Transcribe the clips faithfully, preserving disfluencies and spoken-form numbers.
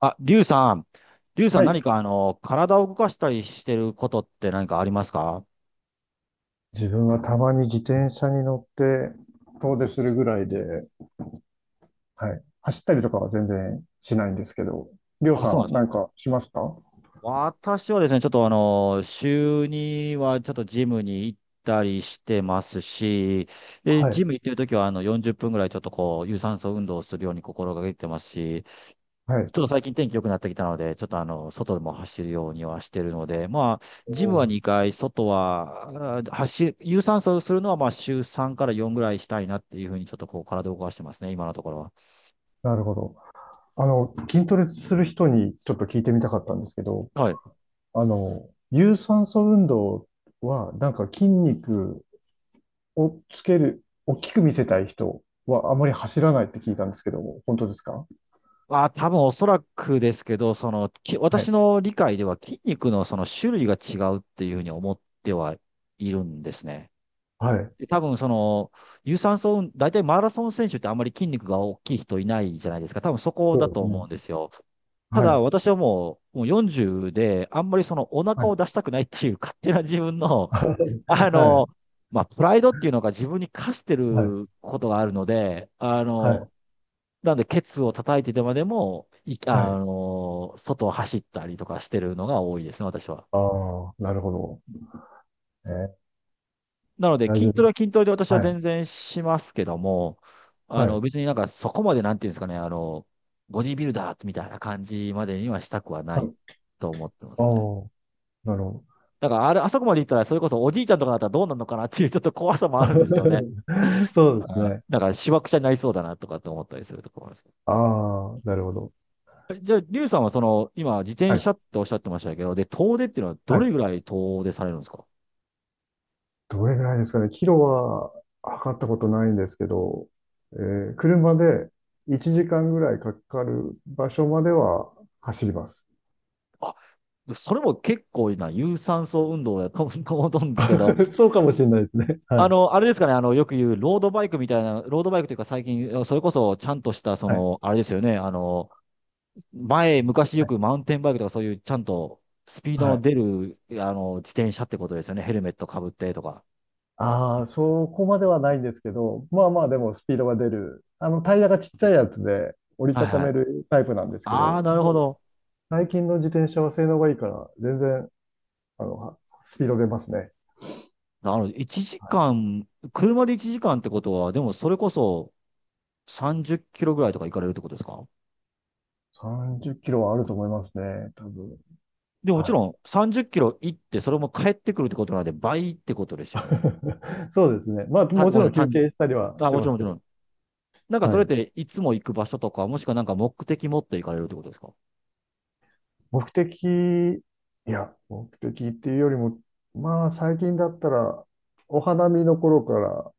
あ、リュウさん。リュウさんは何い。かあの、体を動かしたりしてることって何かありますか？自分はたまに自転車に乗って遠出するぐらいで、はい。走ったりとかは全然しないんですけど、りょうあ、そうさなんでん、すなね。んかしますか？私はですね、ちょっとあの、週にはちょっとジムに行ったりしてますし、で、はジい。ム行ってるときはあの、よんじゅっぷんぐらいちょっとこう、有酸素運動をするように心がけてますし、はい。ちょっと最近天気良くなってきたので、ちょっとあの、外でも走るようにはしてるので、まあ、おジムはー、にかい、外は、あー走る、有酸素をするのは、まあ、週さんからよんぐらいしたいなっていうふうに、ちょっとこう、体を動かしてますね、今のところは。なるほど。あの、筋トレする人にちょっと聞いてみたかったんですけど、はい。あの、有酸素運動は、なんか筋肉をつける、大きく見せたい人はあまり走らないって聞いたんですけども、本当ですか？ああ、多分おそらくですけど、その、き、は私い。の理解では筋肉のその種類が違うっていうふうに思ってはいるんですね。はい。で多分その、有酸素運、大体マラソン選手ってあんまり筋肉が大きい人いないじゃないですか。多分そこそうだでとす思ね。うんですよ。たはだい。私はもう、もうよんじゅうで、あんまりそのお腹はをい。出したくないっていう勝手な自分の、あ はの、い。まあ、プライドっていうのが自分に課してはい、ることがあるので、あはい、の、なんでケツを叩いてでまでも、い、はあい。の、外を走ったりとかしてるのが多いですね、私は。ああ、なるほど。えなのー、いで、や、筋自ト分、レは筋トレで私はは全い、然しますけども、あはの、い、別になんかそこまでなんていうんですかね、あの、ボディービルダーみたいな感じまでにはしたくはなはいい。と思ってまああ、すね。なるほだからあれ、あそこまで行ったら、それこそおじいちゃんとかだったらどうなるのかなっていうちょっと怖さど。もあるんですよね。そうですあね。だから、しわくちゃになりそうだなとかって思ったりするところです。ああ、なるほど。えじゃあ、リュウさんはその、今、自は転い、車っておっしゃってましたけど、で、遠出っていうのはどはれい。ぐらい遠出されるんですか？どれぐらいですかね。キロは測ったことないんですけど、えー、車でいちじかんぐらいかかる場所までは走ります。あ、それも結構な有酸素運動だと思うんですけど、そうかもしれないですね。はあい、の、あれですかね、あの、よく言うロードバイクみたいな、ロードバイクというか最近、それこそちゃんとした、そはい、の、あれですよね、あの、前、昔よはい。くマウンテンバイクとかそういうちゃんとスピーはドのい。出る、あの、自転車ってことですよね。ヘルメットかぶってとか。ああ、そこまではないんですけど、まあまあでもスピードが出る。あの、タイヤがちっちゃいやつで折りはいたたはい。めるタイプなんですけあど、あ、なるほもうど。最近の自転車は性能がいいから、全然、あの、はスピード出ますね。なるほど。1はい。時間、車でいちじかんってことは、でもそれこそさんじゅっキロぐらいとか行かれるってことですか？さんじゅっキロはあると思いますね、多分。でももちはろい。んさんじゅっキロ行って、それも帰ってくるってことなんで倍ってことですよね。そうですね。まあ、たもごちめんなさろい、ん休単純。憩したりはあ、しもちまろんすもちけろど。ん。なんかそはれっい。ていつも行く場所とか、もしくはなんか目的持って行かれるってことですか？目的、いや、目的っていうよりも、まあ、最近だったら、お花見の頃から、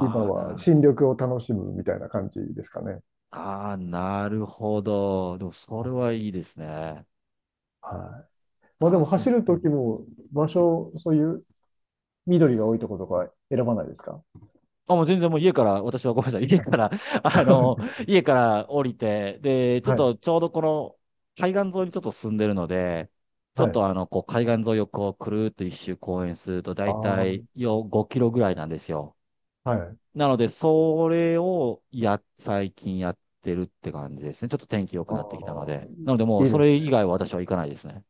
今あー、はな新緑を楽しむみたいな感じですかね。ああ、なるほど。でも、それはいいですね。はい。まあでああ、もそ走う。るうとん。きも場所、そういう緑が多いところとか選ばないですか？あ、もう全然もう家から、私はごめんなさい。家はかい。ら、あの、家から降りて、で、ちょっはい。とちょうどこの海岸沿いにちょっと住んでるので、ちょはっい。とあの、こう海岸沿いをこうくるーっと一周公園するとだあいたあ、いよごキロぐらいなんですよ。はい。なので、それをや、最近やってるって感じですね。ちょっと天気良くあなってきたのあ、で。なのでもういいそですれね。以外は私は行かないですね。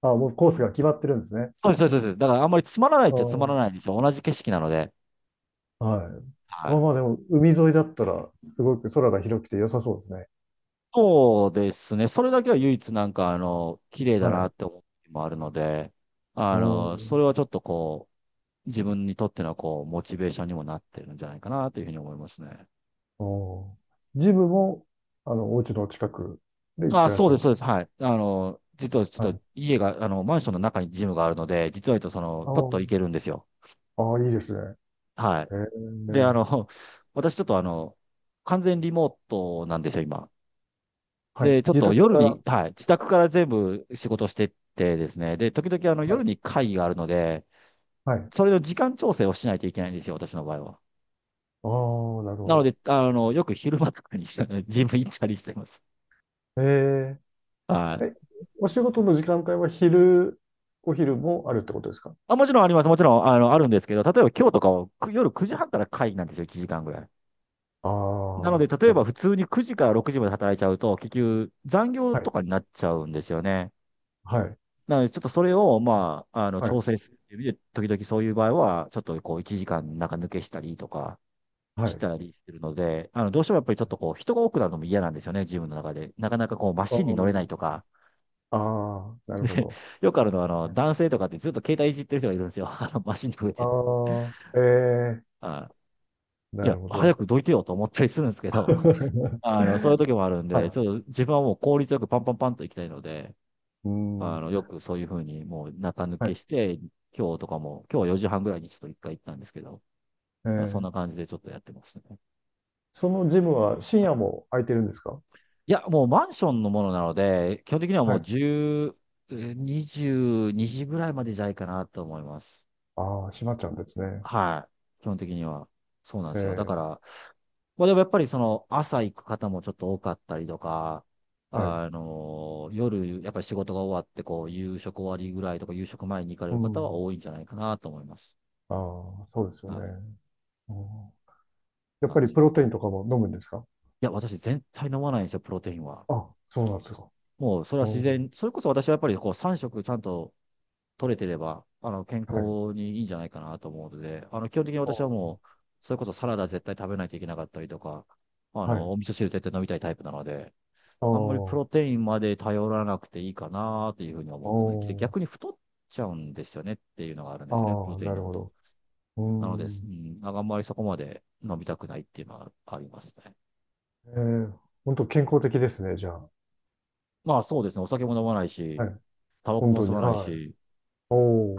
ああ、もうコースが決まってるんですね。そうです、そうです、そうです。だからあんまりつまらないっあちゃつまらないあ、んですよ。同じ景色なので。はい。はまあい。まあでも海沿いだったらすごく空が広くて良さそうですね。そうですね。それだけは唯一なんか、あの、綺麗だはなっい。て思う時もあるので、おあの、そー、れはちょっとこう、自分にとってのこう、モチベーションにもなってるんじゃないかなというふうに思いますね。おー。ジムも、あの、お家の近くで行っあ、てらっそしうゃです、る。そうです。はい。あの、実はちはょっとい。家が、あの、マンションの中にジムがあるので、実は言うとその、パッあと行けるんですよ。あ、ああ、いいですね。はい。えで、あー、の、私ちょっとあの、完全リモートなんですよ、今。はで、い。ちょっ自と宅夜から。はに、はい、自宅い。から全部仕事してってですね、で、時々あのは夜い。に会議があるので、はい。それの時間調整をしないといけないんですよ、私の場合は。ああ、なるなのほで、あの、よく昼間とかにして ジム行ったりしてます。ど。えはー、い。え、お仕事の時間帯は昼、お昼もあるってことですか？あ、もちろんあります。もちろん、あの、あるんですけど、例えば今日とかはく夜くじはんから会議なんですよ、いちじかんぐらい。なので、あ例えあ、ば普通にくじからろくじまで働いちゃうと、結局残業はとい。かになっちゃうんですよね。はい。なので、ちょっとそれを、まあ、あの、は調い。整するっていう意味で、時々そういう場合は、ちょっとこう、いちじかんなんか抜けしたりとかはしい。たりするので、あの、どうしてもやっぱりちょっとこう、人が多くなるのも嫌なんですよね、自分の中で。なかなかこう、マあシンに乗れなー、いとか、あー、なるほど。よくあるのは、あの、はい、男性とかってずっと携帯いじってる人がいるんですよ。あの、マシンに触れて。ああ、えあー、いなるや、ほ早ど。くどいてよと思ったりするんですけど、あの、そういう 時もあるんはで、ちい。ょっと自分はもう効率よくパンパンパンと行きたいので、うあん。の、よくそういうふうにもう中抜はけい。して、今日とかも、今日はよじはんぐらいにちょっと一回行ったんですけど、えなんかそんー、な感じでちょっとやってますね。そのジムは深夜も空いてるんですか？いや、もうマンションのものなので、基本的にはもはうい。じゅう、えーにじぐらいまでじゃないかなと思います。ああ、閉まっちゃうんですね。はい。基本的には。そうなんえですよ。だかー、ら、まあでもやっぱりその朝行く方もちょっと多かったりとか、はい。あのー夜、やっぱり仕事が終わって、こう、夕食終わりぐらいとか、夕食前に行かれうる方はん。多いんじゃないかなと思います。ああ、そうですよはね。い。うん、やっなんぱでりすプよ。ロテインとかも飲むんですか？いや、私絶対飲まないんですよ、プロテインは。あ、そうなんですか。もうそれはう自ん。然、それこそ私はやっぱりこうさん食ちゃんと取れてれば、あの、健はい。康にいいんじゃないかなと思うので、あの、基本的にあ、私はもう、それこそサラダ絶対食べないといけなかったりとか、あはの、い。お味噌汁絶対飲みたいタイプなので、ああ、あんまりプお、ロテインまで頼らなくていいかなっていうふうに思ってます。で逆に太っちゃうんですよねっていうのがあるんですよね、プあロあ、テイなンる飲むほと。ど。うーなので、うん。ん、あんまりそこまで飲みたくないっていうのはありますね。えー、本当健康的ですね、じゃあ。まあそうですね、お酒も飲まないはし、い。タバコ本も当吸に。わないはい。し、おお。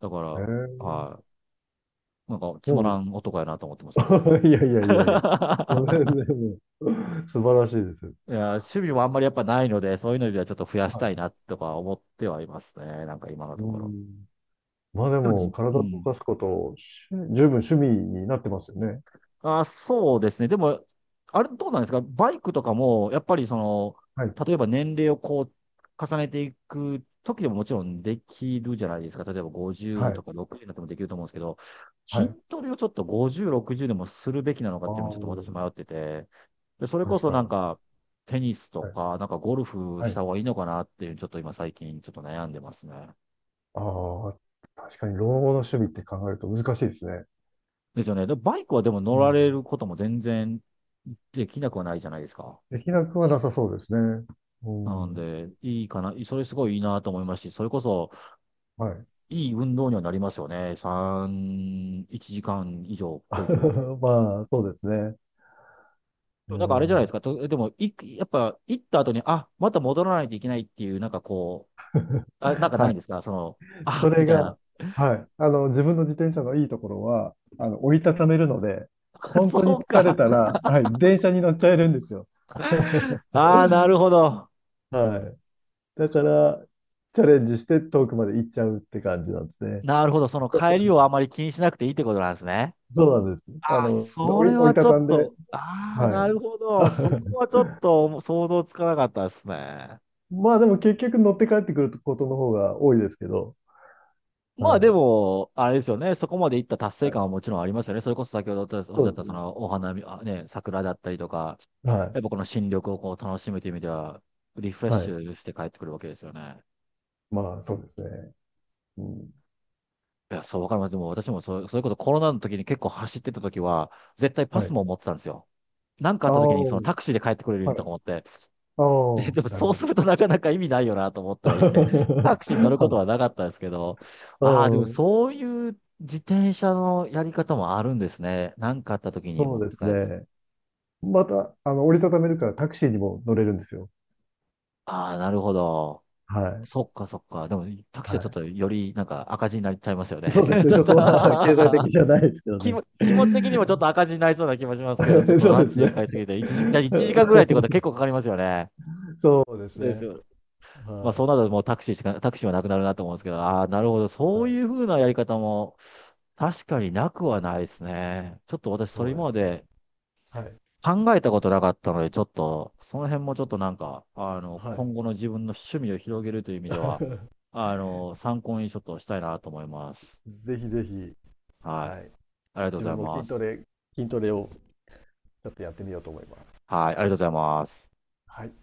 だかえら、ー、はい、なんかつまらもう、ん男やなと思ってますけど、時 いやいやいやいや。そ々 れ でも、素晴らしいです。いや、趣味もあんまりやっぱないので、そういうのではちょっと増やしたはいなとか思ってはいますね。なんか今のい。とうころ。ん。まあででもじ、も、う体を動ん。かすこと、し十分趣味になってますよね。あ、そうですね。でも、あれどうなんですかバイクとかも、やっぱりその、はい。例えば年齢をこう、重ねていく時でももちろんできるじゃないですか。例えばはごじゅうとい。かろくじゅうになってもできると思うんですけど、は筋い。トレをちょっとごじゅう、ろくじゅうでもするべきなのかあっあ、ていうのもちょっと私迷ってて、で、それこ確そかなんに。か、テニスとはい。か、なんかゴルフはしたい。方がいいのかなっていう、ちょっと今最近ちょっと悩んでますね。ああ、確かに老後の趣味って考えると難しいですね。ですよね。で、バイクはでもう乗らん。れることも全然できなくはないじゃないですか。できなくはなさそうですね。うなんん。で、いいかな、それすごいいいなと思いますし、それこそはい。いい運動にはなりますよね。さん、いちじかん以上超いでるわけで。まあ、そうですね。でうもなんかあれじゃないですん。か、とでもい、やっぱ行った後に、あ、また戻らないといけないっていう、なんかこ う、あ、なんかなはいい。んですか、その、あ、そみれたいな。が、はい。あの、自分の自転車のいいところは、あの、折りたためるので、本当にそう疲れか。たら、はい、電車に乗っちゃえるんですよ。ああ、なるほど。はい。だから、チャレンジして遠くまで行っちゃうって感じなんですね。なるほど。その帰りをあまり気にしなくていいってことなんですね。そうなんです。あああ、の、そ折り、れは折りちたょたっんで、と、ああ、はい。なるほど。そこは ちょっと想像つかなかったですね。まあでも結局乗って帰ってくることの方が多いですけど、まはあでい。も、あれですよね。そこまでいった達成は感い。はもちろんありますよね。それこそ先ほどおっしそゃうっですたそね。のお花見、あ、ね、桜だったりとか、はい。やっぱこの新緑をこう楽しむという意味では、リフレッはシい。ュして帰ってくるわけですよね。まあそうですね。うん。いや、そうわかります。でも私もそ、それこそコロナの時に結構走ってた時は、絶対パはスい。も持ってたんですよ。なんかあっあた時あ、にはそのい。タクシーで帰ってくれるようにとか思って、あで、あ、でもなるそうほすど。るとなかなか意味ないよなと思っ たりして、タクシーに乗るこはとい。はなかったですけど、うああ、でもん。そういう自転車のやり方もあるんですね。なんかあった時にそ持っうでてす帰る。ね。また、あの、折りたためるからタクシーにも乗れるんですよ。ああ、なるほど。はい。そっかそっか。でもタクシーはちょっはとよりなんか赤字になっちゃいますよい。そね。うで すちね。ょっそと こは 経済的じゃないですけ ど気ね。も、気持ち的にもちょっと赤字になりそうな気もしますけど、ちょっ とそうタでクシすーがね。買いすぎて、1時、だ一時間ぐらいってことは結構かかりますよね。そうですでしね。ょ。まあ、はそうなるともうタクシーしか、タクシーはなくなるなと思うんですけど、ああ、なるほど。い。そはうい。いうふうなやり方も、確かになくはないですね。ちょっと私、そそれう今でますね。ではい。考えたことなかったので、ちょっと、その辺もちょっとなんか、あ の、はい。今後の自分の趣味を広げるという意味では、あの、参考にちょっとしたいなと思います。ぜひぜひ、ははい。い。ありがとうご自ざ分いもま筋トす。レ筋トレをちょっとやってみようと思います。はい。ありがとうございます。はい。